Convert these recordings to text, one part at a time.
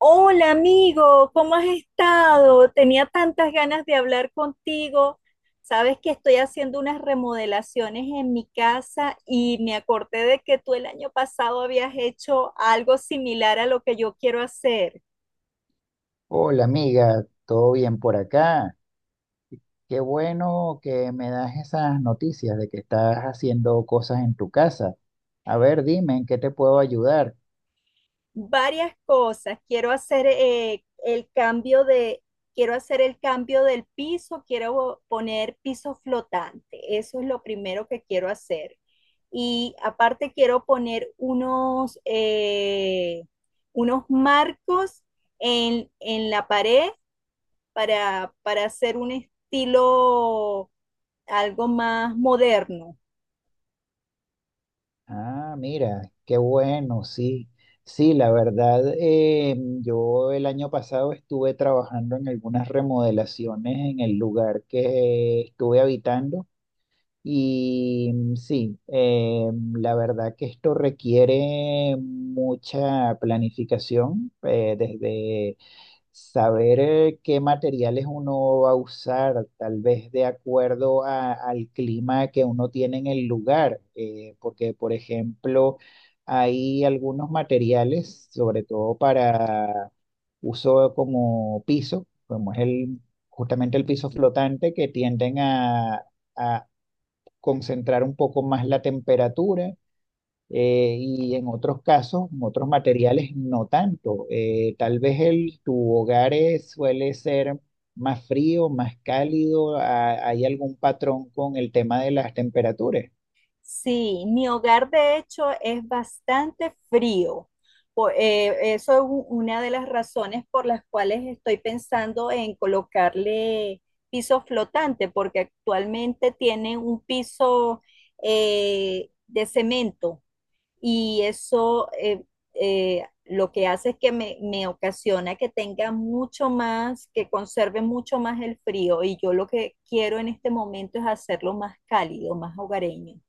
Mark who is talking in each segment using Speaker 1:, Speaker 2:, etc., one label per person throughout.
Speaker 1: Hola amigo, ¿cómo has estado? Tenía tantas ganas de hablar contigo. Sabes que estoy haciendo unas remodelaciones en mi casa y me acordé de que tú el año pasado habías hecho algo similar a lo que yo quiero hacer.
Speaker 2: Hola amiga, ¿todo bien por acá? Qué bueno que me das esas noticias de que estás haciendo cosas en tu casa. A ver, dime, ¿en qué te puedo ayudar?
Speaker 1: Varias cosas. Quiero hacer el cambio de, quiero hacer el cambio del piso, quiero poner piso flotante. Eso es lo primero que quiero hacer. Y aparte quiero poner unos marcos en la pared para hacer un estilo algo más moderno.
Speaker 2: Ah, mira, qué bueno, sí. Sí, la verdad, yo el año pasado estuve trabajando en algunas remodelaciones en el lugar que estuve habitando. Y sí, la verdad que esto requiere mucha planificación, desde saber qué materiales uno va a usar, tal vez de acuerdo al clima que uno tiene en el lugar, porque por ejemplo hay algunos materiales, sobre todo para uso como piso, como es justamente el piso flotante, que tienden a concentrar un poco más la temperatura, y en otros casos, en otros materiales, no tanto. Tal vez tu hogar suele ser más frío, más cálido, hay algún patrón con el tema de las temperaturas.
Speaker 1: Sí, mi hogar de hecho es bastante frío. Eso es una de las razones por las cuales estoy pensando en colocarle piso flotante, porque actualmente tiene un piso de cemento y eso lo que hace es que me ocasiona que tenga mucho más, que conserve mucho más el frío, y yo lo que quiero en este momento es hacerlo más cálido, más hogareño.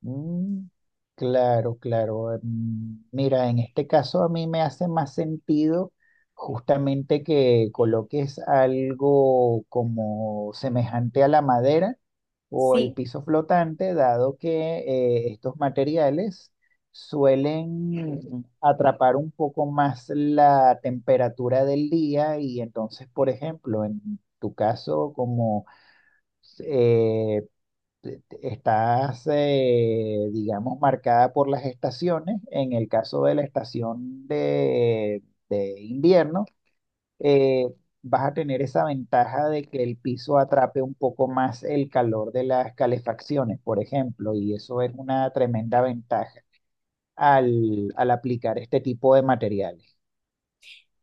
Speaker 2: Mm, claro, claro. Mm, mira, en este caso a mí me hace más sentido justamente que coloques algo como semejante a la madera o el
Speaker 1: Sí.
Speaker 2: piso flotante, dado que estos materiales suelen atrapar un poco más la temperatura del día y entonces, por ejemplo, en tu caso, como eh, estás, digamos, marcada por las estaciones. En el caso de la estación de invierno, eh, vas a tener esa ventaja de que el piso atrape un poco más el calor de las calefacciones, por ejemplo, y eso es una tremenda ventaja al aplicar este tipo de materiales.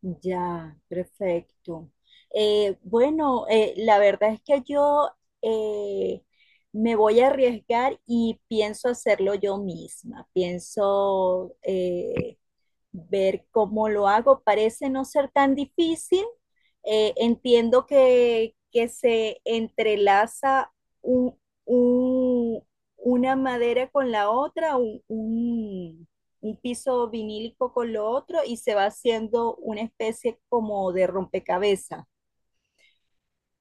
Speaker 1: Ya, perfecto. Bueno, la verdad es que yo eh, me voy a arriesgar y pienso hacerlo yo misma. Pienso ver cómo lo hago. Parece no ser tan difícil. Entiendo que se entrelaza un- un- una madera con la otra, un piso vinílico con lo otro y se va haciendo una especie como de rompecabezas.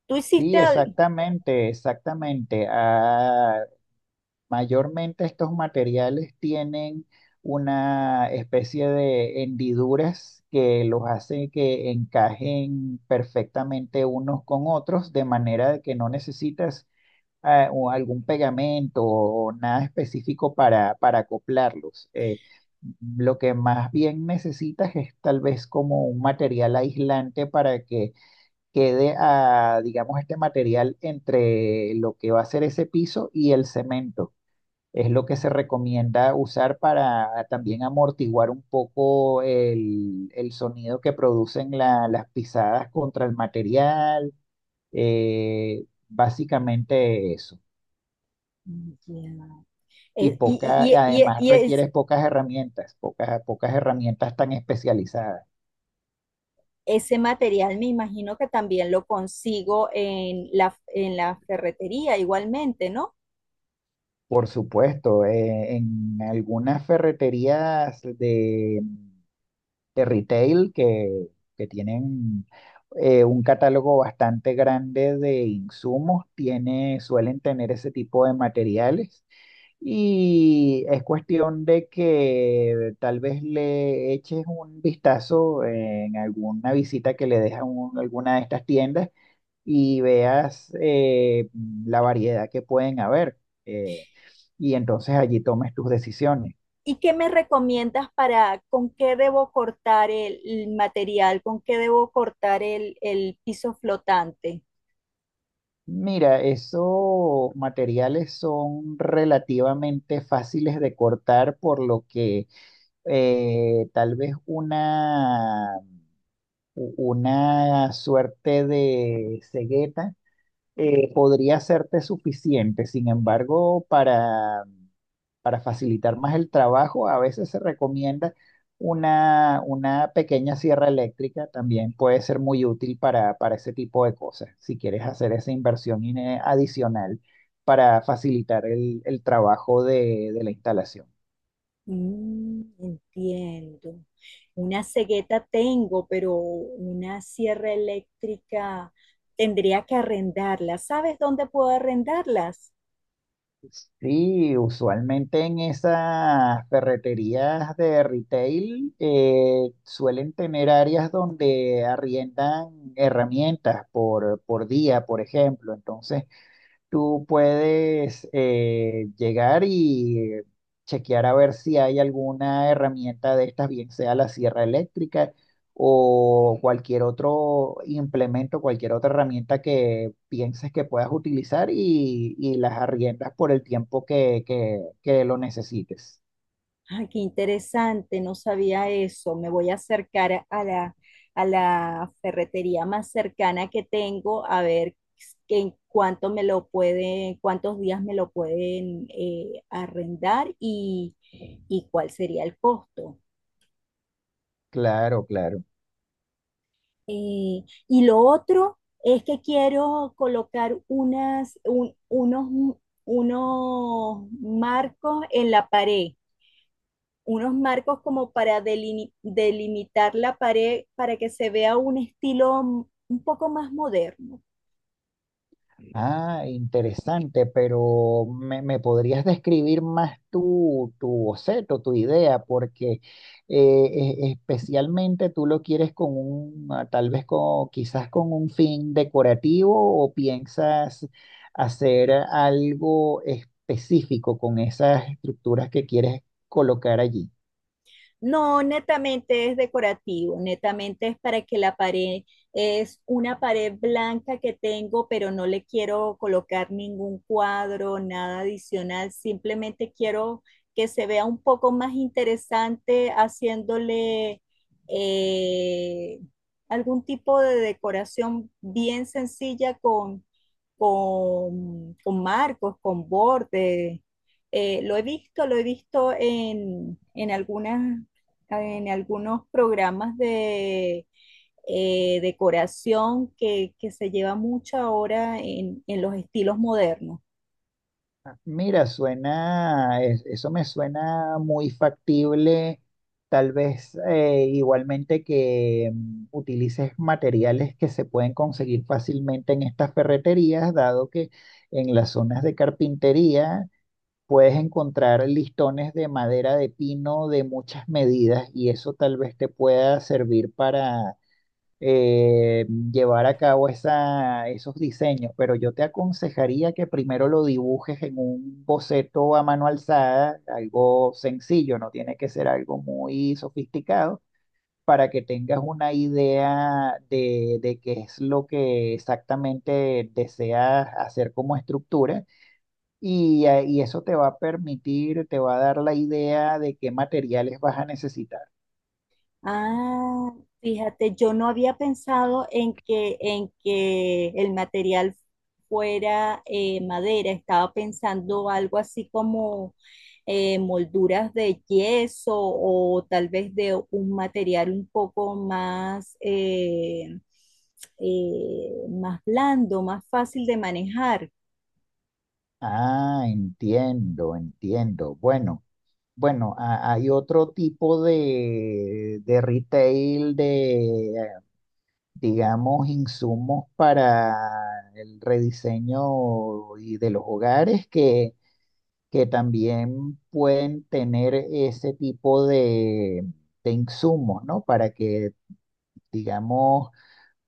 Speaker 1: Tú hiciste
Speaker 2: Sí,
Speaker 1: algo.
Speaker 2: exactamente. Ah, mayormente estos materiales tienen una especie de hendiduras que los hace que encajen perfectamente unos con otros, de manera de que no necesitas ah, o algún pegamento o nada específico para acoplarlos. Lo que más bien necesitas es tal vez como un material aislante para que quede, ah, digamos, este material entre lo que va a ser ese piso y el cemento. Es lo que se recomienda usar para también amortiguar un poco el sonido que producen las pisadas contra el material. Eh, básicamente eso. Y
Speaker 1: Eh,
Speaker 2: poca,
Speaker 1: Y, y- y-
Speaker 2: además
Speaker 1: y es-
Speaker 2: requieres pocas herramientas, pocas herramientas tan especializadas.
Speaker 1: Ese material me imagino que también lo consigo en en la ferretería igualmente, ¿no?
Speaker 2: Por supuesto, en algunas ferreterías de retail que tienen un catálogo bastante grande de insumos, suelen tener ese tipo de materiales, y es cuestión de que tal vez le eches un vistazo en alguna visita que le dejas a alguna de estas tiendas y veas la variedad que pueden haber, eh, y entonces allí tomes tus decisiones.
Speaker 1: ¿Y qué me recomiendas para con qué debo cortar el material, con qué debo cortar el piso flotante?
Speaker 2: Mira, esos materiales son relativamente fáciles de cortar, por lo que tal vez una, u- una suerte de cegueta podría serte suficiente. Sin embargo, para facilitar más el trabajo, a veces se recomienda una pequeña sierra eléctrica, también puede ser muy útil para ese tipo de cosas, si quieres hacer esa inversión adicional para facilitar el trabajo de la instalación.
Speaker 1: Mm, entiendo. Una cegueta tengo, pero una sierra eléctrica tendría que arrendarla. ¿Sabes dónde puedo arrendarlas?
Speaker 2: Sí, usualmente en esas ferreterías de retail suelen tener áreas donde arriendan herramientas por día, por ejemplo. Entonces, tú puedes llegar y chequear a ver si hay alguna herramienta de estas, bien sea la sierra eléctrica o cualquier otro implemento, cualquier otra herramienta que pienses que puedas utilizar y las arriendas por el tiempo que lo necesites.
Speaker 1: Ah, qué interesante, no sabía eso. Me voy a acercar a la ferretería más cercana que tengo, a ver que en cuánto me lo pueden, cuántos días me lo pueden arrendar, y cuál sería el costo.
Speaker 2: Claro, claro.
Speaker 1: Y lo otro es que quiero colocar unos marcos en la pared, unos marcos como para delimitar la pared para que se vea un estilo un poco más moderno.
Speaker 2: Ah, interesante, pero me podrías describir más tu boceto, tu idea, porque especialmente tú lo quieres con un, ah, tal vez con, quizás con un fin decorativo, o piensas hacer algo específico con esas estructuras que quieres colocar allí.
Speaker 1: No, netamente es decorativo, netamente es para que la pared, es una pared blanca que tengo, pero no le quiero colocar ningún cuadro, nada adicional, simplemente quiero que se vea un poco más interesante haciéndole eh, algún tipo de decoración bien sencilla con marcos, con bordes. Lo he visto en algunas en algunos programas de decoración se lleva mucho ahora en los estilos modernos.
Speaker 2: Mira, suena, eso me suena muy factible. Tal vez igualmente que utilices materiales que se pueden conseguir fácilmente en estas ferreterías, dado que en las zonas de carpintería puedes encontrar listones de madera de pino de muchas medidas y eso tal vez te pueda servir, eh, llevar a cabo esos diseños, pero yo te aconsejaría que primero lo dibujes en un boceto a mano alzada, algo sencillo, no tiene que ser algo muy sofisticado, para que tengas una idea de qué es lo que exactamente deseas hacer como estructura. Y eso te va a permitir, te va a dar la idea de qué materiales vas a necesitar.
Speaker 1: Ah, fíjate, yo no había pensado en en que el material fuera madera, estaba pensando algo así como molduras de yeso o tal vez de un material un poco más, más blando, más fácil de manejar.
Speaker 2: Ah, entiendo, entiendo. Bueno. Bueno, hay otro tipo de retail digamos, insumos para el rediseño y de los hogares que también pueden tener ese tipo de insumos, ¿no? Para que, digamos,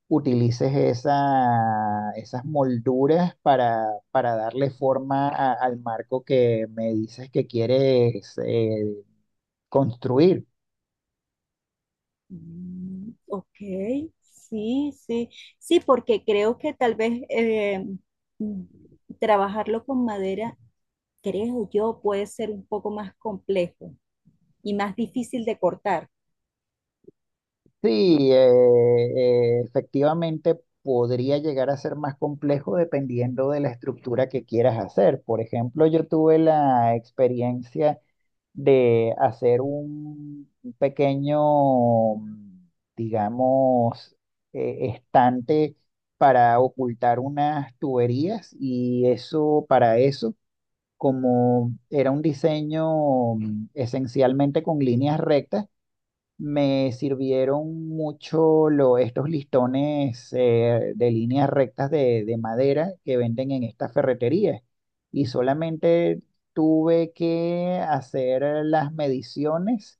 Speaker 2: utilices esas molduras para darle forma al marco que me dices que quieres construir.
Speaker 1: Mm, ok, sí, sí, sí, porque creo que tal vez mm, trabajarlo con madera, creo yo, puede ser un poco más complejo y más difícil de cortar.
Speaker 2: Sí, efectivamente podría llegar a ser más complejo dependiendo de la estructura que quieras hacer. Por ejemplo, yo tuve la experiencia de hacer un pequeño, digamos, estante para ocultar unas tuberías y eso, para eso, como era un diseño esencialmente con líneas rectas, me sirvieron mucho estos listones, de líneas rectas de madera que venden en estas ferreterías, y solamente tuve que hacer las mediciones,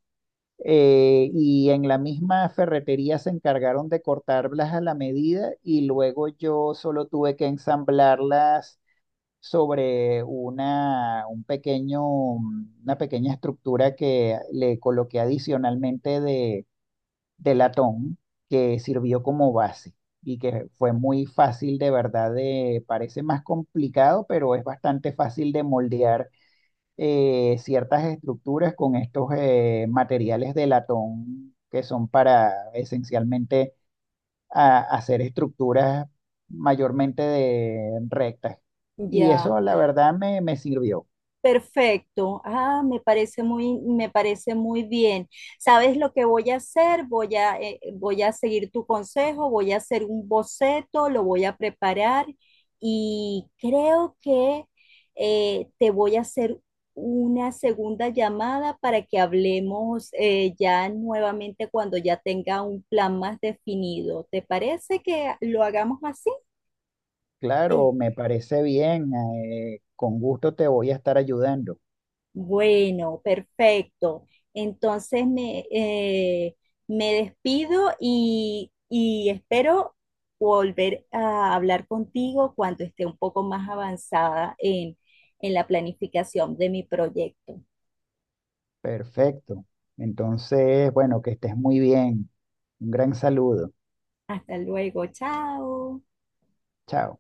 Speaker 2: y en la misma ferretería se encargaron de cortarlas a la medida y luego yo solo tuve que ensamblarlas sobre un pequeño, una pequeña estructura que le coloqué adicionalmente de latón, que sirvió como base y que fue muy fácil de verdad, de, parece más complicado, pero es bastante fácil de moldear ciertas estructuras con estos materiales de latón, que son para esencialmente hacer estructuras mayormente de rectas. Y
Speaker 1: Ya.
Speaker 2: eso la verdad me sirvió.
Speaker 1: Perfecto. Ah, me parece muy bien. ¿Sabes lo que voy a hacer? Voy a seguir tu consejo, voy a hacer un boceto, lo voy a preparar y creo que te voy a hacer una segunda llamada para que hablemos ya nuevamente cuando ya tenga un plan más definido. ¿Te parece que lo hagamos así?
Speaker 2: Claro, me parece bien, con gusto te voy a estar ayudando.
Speaker 1: Bueno, perfecto. Entonces me, eh, me despido y espero volver a hablar contigo cuando esté un poco más avanzada en la planificación de mi proyecto.
Speaker 2: Perfecto. Entonces, bueno, que estés muy bien. Un gran saludo.
Speaker 1: Hasta luego, chao.
Speaker 2: Chao.